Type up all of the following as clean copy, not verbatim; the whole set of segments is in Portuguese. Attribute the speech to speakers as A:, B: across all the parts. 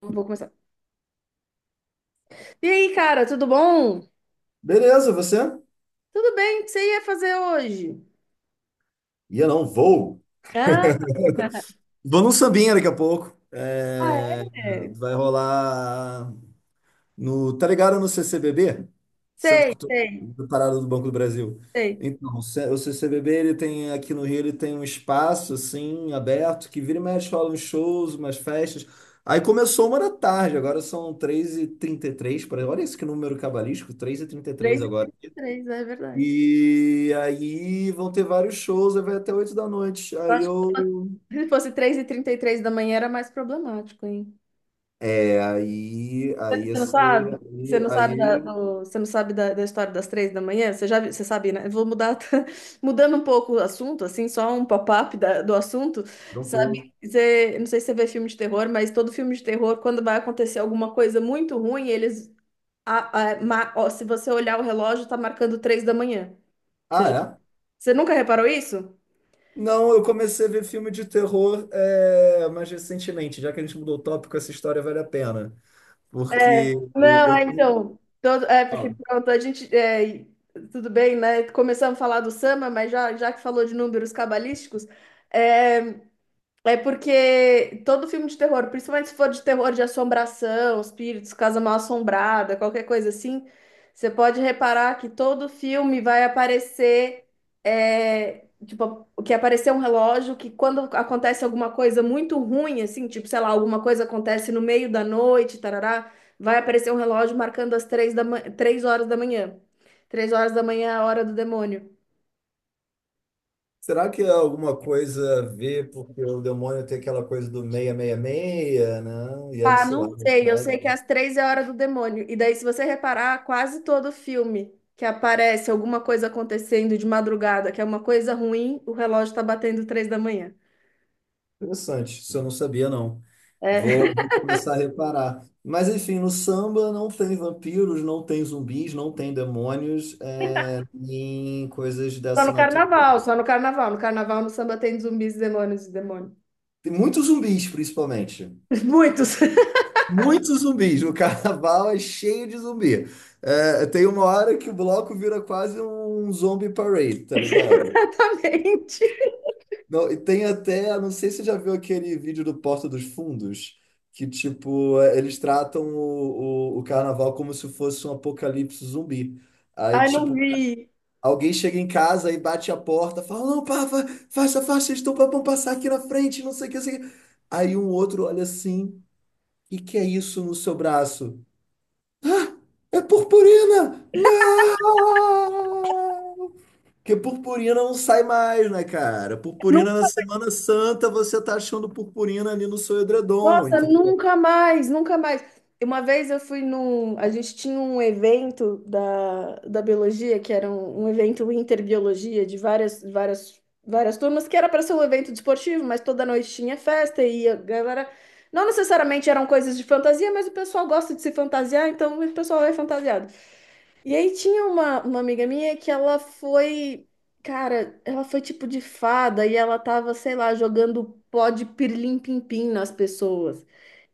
A: Vou começar. E aí, cara, tudo bom?
B: Beleza, você?
A: Tudo bem? O que você ia fazer hoje?
B: Ia não, vou.
A: Ah,
B: Vou num sambinha daqui a pouco. É,
A: é.
B: vai rolar no. Tá ligado no CCBB? Centro
A: Sei,
B: Cultural
A: sei,
B: da Parada do Banco do Brasil.
A: sei.
B: Então, o o CCBB, ele tem aqui no Rio, ele tem um espaço assim, aberto, que vira e mexe, rola uns shows, umas festas. Aí começou 1 da tarde, agora são 3h33, por aí. Olha esse que número cabalístico, 3h33
A: Três e
B: agora.
A: trinta e três, é verdade.
B: E aí vão ter vários shows, aí vai até 8 da noite.
A: Eu
B: Aí
A: acho
B: eu.
A: que se fosse três e trinta e três da manhã era mais problemático, hein?
B: É, aí. Aí ia
A: Você não
B: ser.
A: sabe? Você
B: Aí.
A: não sabe
B: Aí
A: você não sabe da, da história das três da manhã? Você sabe, né? Eu vou mudar, mudando um pouco o assunto, assim, só um pop-up do assunto,
B: tranquilo.
A: sabe? Você, não sei se você vê filme de terror, mas todo filme de terror, quando vai acontecer alguma coisa muito ruim, eles a- ma- ó, se você olhar o relógio, tá marcando três da manhã. Você,
B: Ah,
A: já-
B: é?
A: você nunca reparou isso?
B: Não, eu comecei a ver filme de terror mais recentemente, já que a gente mudou o tópico, essa história vale a pena.
A: É,
B: Porque
A: não, é,
B: eu tenho.
A: então, Todo, é, porque
B: Fala.
A: pronto, a gente. É, e- Tudo bem, né? Começamos a falar do Samba, mas já que falou de números cabalísticos, é, é porque todo filme de terror, principalmente se for de terror de assombração, espíritos, casa mal assombrada, qualquer coisa assim, você pode reparar que todo filme vai aparecer, tipo, que aparecer um relógio que quando acontece alguma coisa muito ruim, assim, tipo, sei lá, alguma coisa acontece no meio da noite, tarará, vai aparecer um relógio marcando as três da ma- três horas da manhã. Três horas da manhã é a hora do demônio.
B: Será que é alguma coisa a ver, porque o demônio tem aquela coisa do 666, né? E aí,
A: Ah,
B: sei lá,
A: não sei. Eu sei que
B: né?
A: às três é a hora do demônio. E daí, se você reparar, quase todo filme que aparece alguma coisa acontecendo de madrugada, que é uma coisa ruim, o relógio tá batendo três da manhã.
B: Interessante, isso eu não sabia, não.
A: É.
B: Vou, vou começar a reparar. Mas, enfim, no samba não tem vampiros, não tem zumbis, não tem demônios, é, nem coisas
A: Só
B: dessa
A: no
B: natureza.
A: carnaval, só no carnaval. No carnaval, no samba tem zumbis, demônios e demônios.
B: Tem muitos zumbis, principalmente.
A: Muitos.
B: Muitos zumbis. O carnaval é cheio de zumbi. É, tem uma hora que o bloco vira quase um zombie parade, tá ligado?
A: Exatamente.
B: Não, e tem até, não sei se você já viu aquele vídeo do Porta dos Fundos, que tipo, é, eles tratam o carnaval como se fosse um apocalipse zumbi. Aí,
A: Ai, não
B: tipo,
A: vi.
B: alguém chega em casa e bate a porta, fala, não, pá, faça, faça, eles estão para passar aqui na frente, não sei o que, não sei o que. Aí um outro olha assim, e que é isso no seu braço? É purpurina! Não! Porque purpurina não sai mais, né, cara?
A: Não.
B: Purpurina na Semana Santa, você tá achando purpurina ali no seu edredom,
A: Nossa,
B: entendeu?
A: nunca mais, nunca mais. Uma vez eu fui num. A gente tinha um evento da biologia, que era um evento interbiologia de várias turmas, que era para ser um evento desportivo, mas toda noite tinha festa e a galera. Não necessariamente eram coisas de fantasia, mas o pessoal gosta de se fantasiar, então o pessoal é fantasiado. E aí tinha uma amiga minha que ela foi. Cara, ela foi tipo de fada e ela tava, sei lá, jogando pó de pirlim-pim-pim nas pessoas.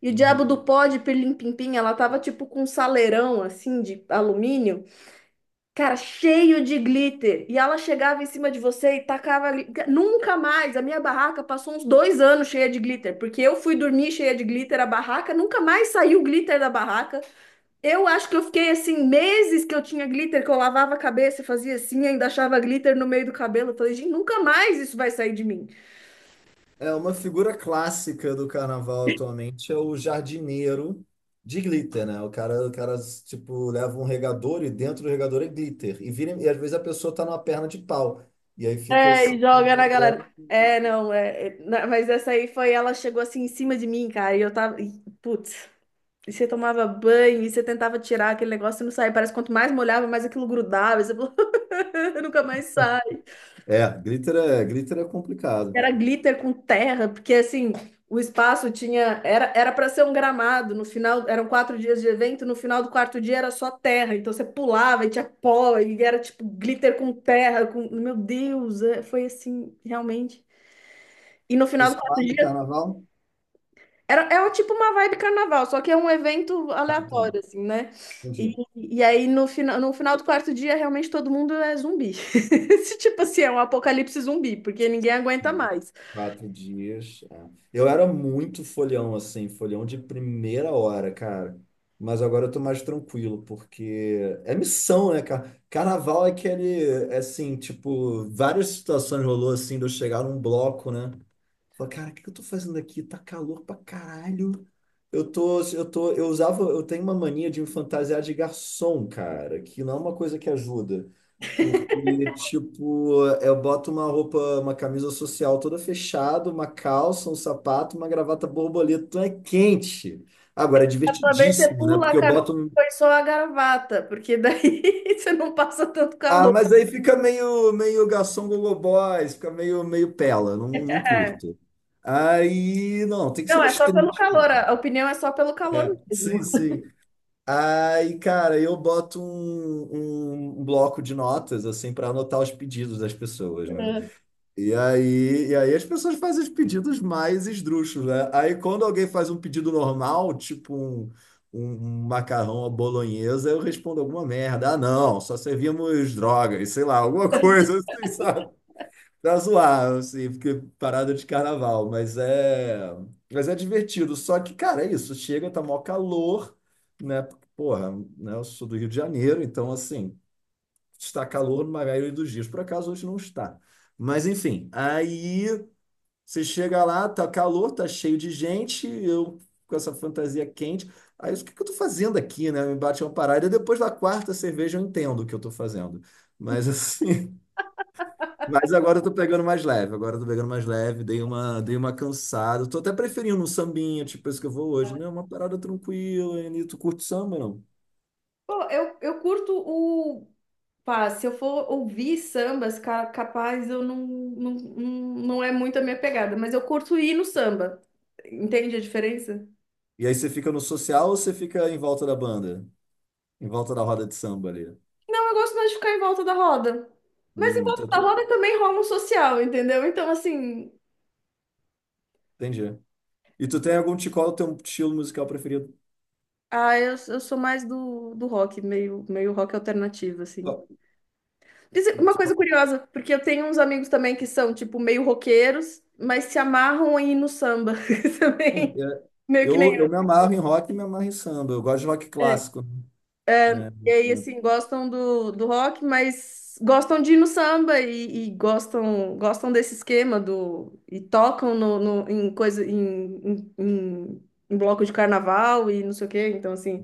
A: E o
B: Uhum.
A: diabo do pó de pirlim-pim-pim, ela tava tipo com um saleirão assim de alumínio, cara, cheio de glitter. E ela chegava em cima de você e tacava. Nunca mais! A minha barraca passou uns dois anos cheia de glitter, porque eu fui dormir cheia de glitter, a barraca nunca mais saiu glitter da barraca. Eu acho que eu fiquei assim, meses que eu tinha glitter, que eu lavava a cabeça, fazia assim, ainda achava glitter no meio do cabelo. Eu falei, gente, nunca mais isso vai sair de mim.
B: É uma figura clássica do carnaval atualmente, é o jardineiro de glitter, né? O cara, tipo, leva um regador e dentro do regador é glitter. E, vira, e às vezes a pessoa tá numa perna de pau. E aí fica
A: É,
B: assim.
A: e joga na galera. É, não, é, é, na- mas essa aí foi, ela chegou assim em cima de mim, cara, e eu tava, e, putz, e você tomava banho, e você tentava tirar aquele negócio e não saía, parece que quanto mais molhava, mais aquilo grudava, e você falou, nunca mais sai.
B: É, glitter é complicado.
A: Era glitter com terra, porque assim, o espaço tinha, era para ser um gramado, no final, eram quatro dias de evento, no final do quarto dia era só terra, então você pulava e tinha pó, e era tipo glitter com terra, com, meu Deus, é, foi assim, realmente. E no
B: Você
A: final
B: se
A: do quarto
B: amarra em
A: dia
B: carnaval?
A: era, é o tipo uma vibe carnaval, só que é um evento
B: Ah, tá.
A: aleatório, assim, né?
B: Entendi.
A: E aí no, fina, no final do quarto dia, realmente todo mundo é zumbi. Esse tipo assim, é um apocalipse zumbi, porque ninguém aguenta mais.
B: 4 dias. É. Eu era muito folhão, assim, folhão de primeira hora, cara. Mas agora eu tô mais tranquilo, porque é missão, né, cara? Carnaval é aquele, é assim, tipo, várias situações rolou assim, de eu chegar num bloco, né? Falei, cara, o que que eu tô fazendo aqui? Tá calor pra caralho. Eu tô, eu tô, eu usava, eu tenho uma mania de me fantasiar de garçom, cara, que não é uma coisa que ajuda. Porque, tipo, eu boto uma roupa, uma camisa social toda fechada, uma calça, um sapato, uma gravata borboleta. Então é quente. Agora é
A: Também você
B: divertidíssimo, né?
A: pula a
B: Porque eu
A: camisa e
B: boto. Um-
A: põe só a gravata, porque daí você não passa tanto
B: Ah,
A: calor.
B: mas aí fica meio, meio garçom gogoboys, fica meio, meio pela, não, não
A: É.
B: curto. Aí, não, tem que ser
A: Não,
B: no
A: é só pelo
B: street,
A: calor,
B: pô.
A: a opinião é só pelo calor
B: É, sim,
A: mesmo.
B: sim. Aí, cara, eu boto um bloco de notas, assim, para anotar os pedidos das pessoas, né?
A: É.
B: E aí as pessoas fazem os pedidos mais esdrúxulos, né? Aí quando alguém faz um pedido normal, tipo um um macarrão à bolonhesa, eu respondo alguma merda. Ah, não, só servimos drogas, sei lá, alguma coisa assim, sabe? Pra zoar, assim, porque parada de carnaval, mas é divertido. Só que, cara, é isso, chega, tá mó calor, né? Porque, porra, né? Eu sou do Rio de Janeiro, então assim, está calor na maioria dos dias. Por acaso hoje não está. Mas enfim, aí você chega lá, tá calor, tá cheio de gente, eu com essa fantasia quente. Aí o que que eu tô fazendo aqui, né? Me bate uma parada. Depois da quarta cerveja eu entendo o que eu tô fazendo. Mas assim, mas agora eu tô pegando mais leve, agora eu tô pegando mais leve, dei uma cansada. Tô até preferindo um sambinha, tipo esse que eu vou hoje, né? Uma parada tranquila, e tu curte samba, não?
A: Eu curto pá, se eu for ouvir sambas, capaz eu não é muito a minha pegada, mas eu curto ir no samba. Entende a diferença?
B: E aí você fica no social ou você fica em volta da banda? Em volta da roda de samba ali?
A: Não, eu gosto mais de ficar em volta da roda. Mas em volta
B: Então
A: da roda também rola um social, entendeu? Então, assim,
B: entendi. E tu tem qual é o teu estilo musical preferido?
A: ah, eu sou mais do rock, meio rock alternativo, assim.
B: Qual-
A: Mas uma
B: tu-
A: coisa
B: qual-
A: curiosa, porque eu tenho uns amigos também que são, tipo, meio roqueiros, mas se amarram em ir no samba
B: Sim,
A: também.
B: é,
A: Meio que nem
B: eu me amarro em rock e me amarro em samba. Eu gosto de rock
A: eu.
B: clássico, né? É,
A: E aí,
B: né?
A: assim, gostam do rock, mas gostam de ir no samba e gostam, gostam desse esquema do, e tocam no, no- em coisa, em, em, em- em bloco de carnaval e não sei o quê. Então, assim.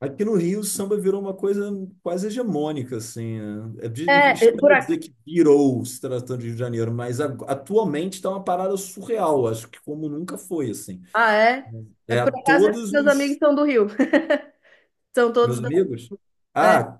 B: Aqui no Rio, o samba virou uma coisa quase hegemônica, assim, né? É
A: É, é, por
B: estranho
A: acaso.
B: dizer que virou se tratando de Rio de Janeiro, mas atualmente está uma parada surreal, acho que como nunca foi, assim.
A: Ah, é? É,
B: É,
A: por acaso, esses
B: todos
A: meus amigos
B: os
A: são do Rio. São todos
B: meus
A: da.
B: amigos.
A: É.
B: Ah,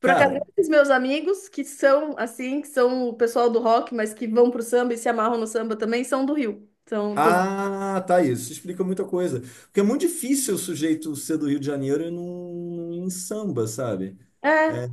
A: Por acaso,
B: cara.
A: esses meus amigos que são, assim, que são o pessoal do rock, mas que vão pro samba e se amarram no samba também, são do Rio. São todos.
B: Ah, tá, isso explica muita coisa. Porque é muito difícil o sujeito ser do Rio de Janeiro e não em samba, sabe?
A: É,
B: É,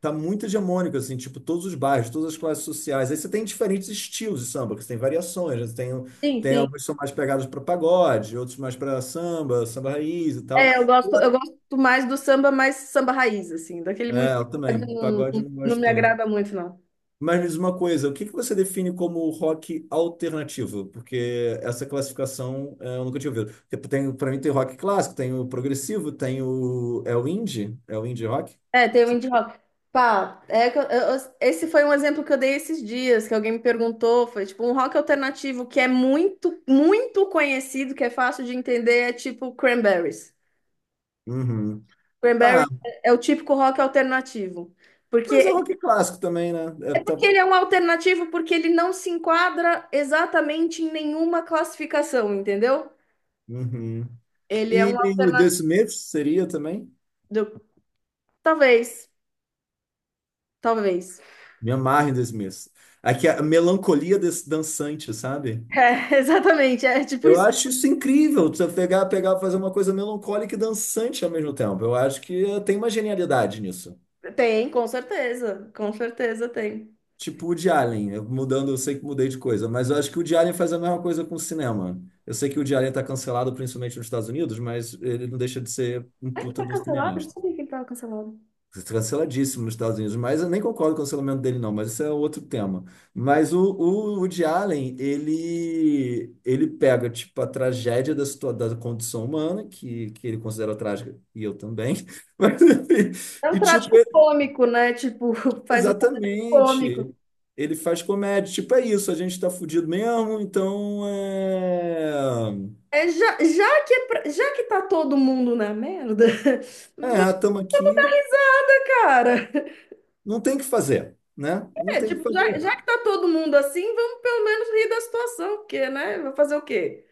B: tá muito hegemônico, assim, tipo, todos os bairros, todas as classes sociais. Aí você tem diferentes estilos de samba, que você tem variações, né? Você Tem,
A: sim,
B: tem
A: sim.
B: alguns que são mais pegados para pagode, outros mais para samba, samba raiz e tal.
A: Eu gosto mais do samba, mais samba raiz, assim, daquele muito.
B: É, eu também,
A: Não,
B: pagode eu não
A: não
B: gosto
A: me
B: tanto.
A: agrada muito, não.
B: Mas me diz uma coisa, o que que você define como rock alternativo? Porque essa classificação eu nunca tinha ouvido. Tipo, para mim tem rock clássico, tem o progressivo, tem o... É o indie? É o indie rock?
A: É, tem o indie rock. Pá, é que esse foi um exemplo que eu dei esses dias, que alguém me perguntou. Foi tipo um rock alternativo que é muito conhecido, que é fácil de entender, é tipo Cranberries.
B: Uhum. Tá,
A: Cranberries é o típico rock alternativo. Porque
B: mas é
A: é
B: rock clássico também, né? É, tá...
A: que ele é um alternativo porque ele não se enquadra exatamente em nenhuma classificação, entendeu?
B: Uhum.
A: Ele é
B: E
A: um
B: The
A: alternativo.
B: Smiths seria também?
A: Talvez, talvez.
B: Me amarre em The Smiths. Aqui é a melancolia dançante, sabe?
A: É, exatamente, é tipo
B: Eu
A: isso.
B: acho isso incrível, você pegar, fazer uma coisa melancólica e dançante ao mesmo tempo. Eu acho que tem uma genialidade nisso.
A: Tem, com certeza tem.
B: Tipo o de Alien, mudando, eu sei que mudei de coisa, mas eu acho que o de Alien faz a mesma coisa com o cinema. Eu sei que o de Alien tá cancelado principalmente nos Estados Unidos, mas ele não deixa de ser um
A: Ah, ele
B: puta
A: tá
B: de um
A: cancelado? Não
B: cineasta.
A: sabia que ele tava cancelado.
B: Canceladíssimo nos Estados Unidos, mas eu nem concordo com o cancelamento dele, não, mas isso é outro tema. Mas o Woody Allen, ele pega, tipo, a tragédia da condição humana, que ele considera trágica, e eu também, mas, enfim,
A: É um
B: e, tipo,
A: trágico cômico, né? Tipo, faz um traje cômico.
B: exatamente, ele faz comédia, tipo, é isso, a gente tá fudido mesmo, então, é...
A: É, já que é já que tá todo mundo na merda,
B: É,
A: vamos
B: tamo aqui,
A: dar risada, cara.
B: não tem o que fazer, né? Não
A: É,
B: tem o que
A: tipo,
B: fazer.
A: já que tá todo mundo assim, vamos pelo menos rir da situação, porque, né? Vai fazer o quê?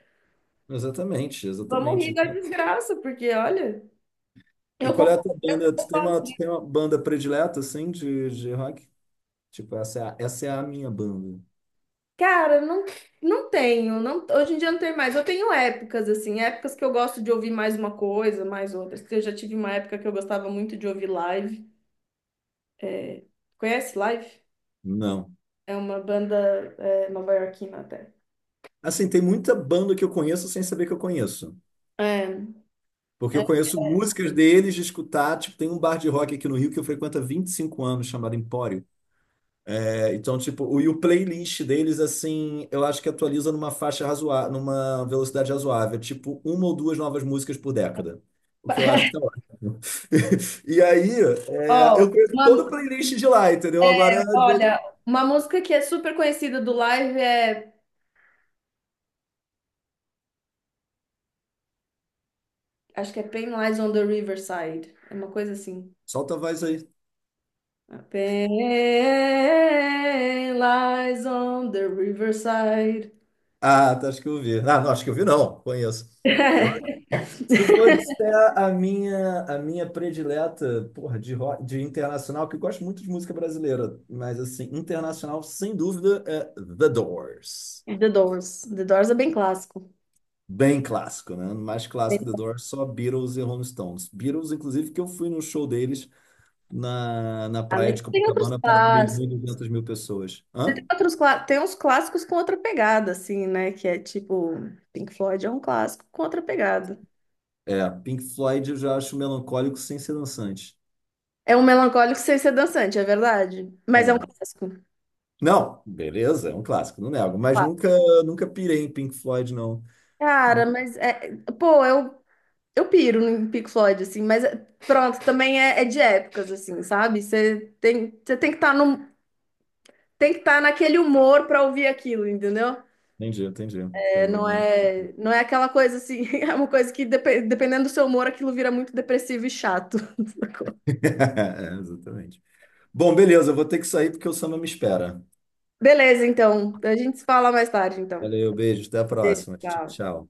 B: Exatamente,
A: Vamos
B: exatamente.
A: rir da
B: Então,
A: desgraça, porque, olha,
B: e
A: eu
B: qual é a
A: concordo.
B: tua banda? Tu tem uma banda predileta, assim, de rock? Tipo, essa é a minha banda.
A: Cara, não, não tenho. Não, hoje em dia não tem mais. Eu tenho épocas, assim, épocas que eu gosto de ouvir mais uma coisa, mais outras. Que Eu já tive uma época que eu gostava muito de ouvir live. É, conhece live?
B: Não.
A: É uma banda nova-iorquina até.
B: Assim, tem muita banda que eu conheço sem saber que eu conheço.
A: É,
B: Porque eu
A: é,
B: conheço músicas deles de escutar. Tipo, tem um bar de rock aqui no Rio que eu frequento há 25 anos, chamado Empório. É, então, tipo, o playlist deles, assim, eu acho que atualiza numa faixa razoável, numa velocidade razoável, tipo uma ou duas novas músicas por década. O que eu acho que tá ótimo. E aí,
A: ó,
B: eu conheço todo
A: uma-
B: o playlist de lá, entendeu? Agora,
A: olha, uma música que é super conhecida do live é. Acho que é Pain Lies on the Riverside. É uma coisa assim.
B: solta a voz aí.
A: Pain Lies on the Riverside.
B: Ah, tá, acho que eu vi. Ah, não, acho que eu vi, não, conheço. Eu acho que se for disser a minha predileta, porra, de internacional, que eu gosto muito de música brasileira, mas, assim, internacional, sem dúvida, é The Doors.
A: The Doors. The Doors é bem clássico.
B: Bem clássico, né? Mais
A: Tem,
B: clássico The Doors, só Beatles e Rolling Stones. Beatles, inclusive, que eu fui no show deles na
A: ah,
B: praia
A: mas
B: de
A: tem outros
B: Copacabana para um milhão
A: clássicos.
B: e duzentas mil pessoas.
A: Tem
B: Hã?
A: outros, tem uns clássicos com outra pegada, assim, né? Que é tipo, Pink Floyd é um clássico com outra pegada.
B: É, Pink Floyd eu já acho melancólico sem ser dançante.
A: É um melancólico sem ser dançante, é verdade. Mas é um
B: É.
A: clássico.
B: Não, beleza, é um clássico, não nego. Mas
A: Claro.
B: nunca, nunca pirei em Pink Floyd, não.
A: Cara,
B: Nu-
A: mas é. Eu piro no Pink Floyd, assim, pronto, também é, é de épocas, assim, sabe? Você tem que estar no, tem que estar naquele humor pra ouvir aquilo, entendeu?
B: Entendi, entendi.
A: É,
B: Tem
A: não
B: uma...
A: é, não é aquela coisa assim, é uma coisa que dependendo do seu humor, aquilo vira muito depressivo e chato. Sacou?
B: É, exatamente. Bom, beleza, eu vou ter que sair porque o samba me espera.
A: Beleza, então. A gente se fala mais tarde, então.
B: Valeu, beijo, até a
A: Beijo,
B: próxima. Tchau,
A: tchau.
B: tchau.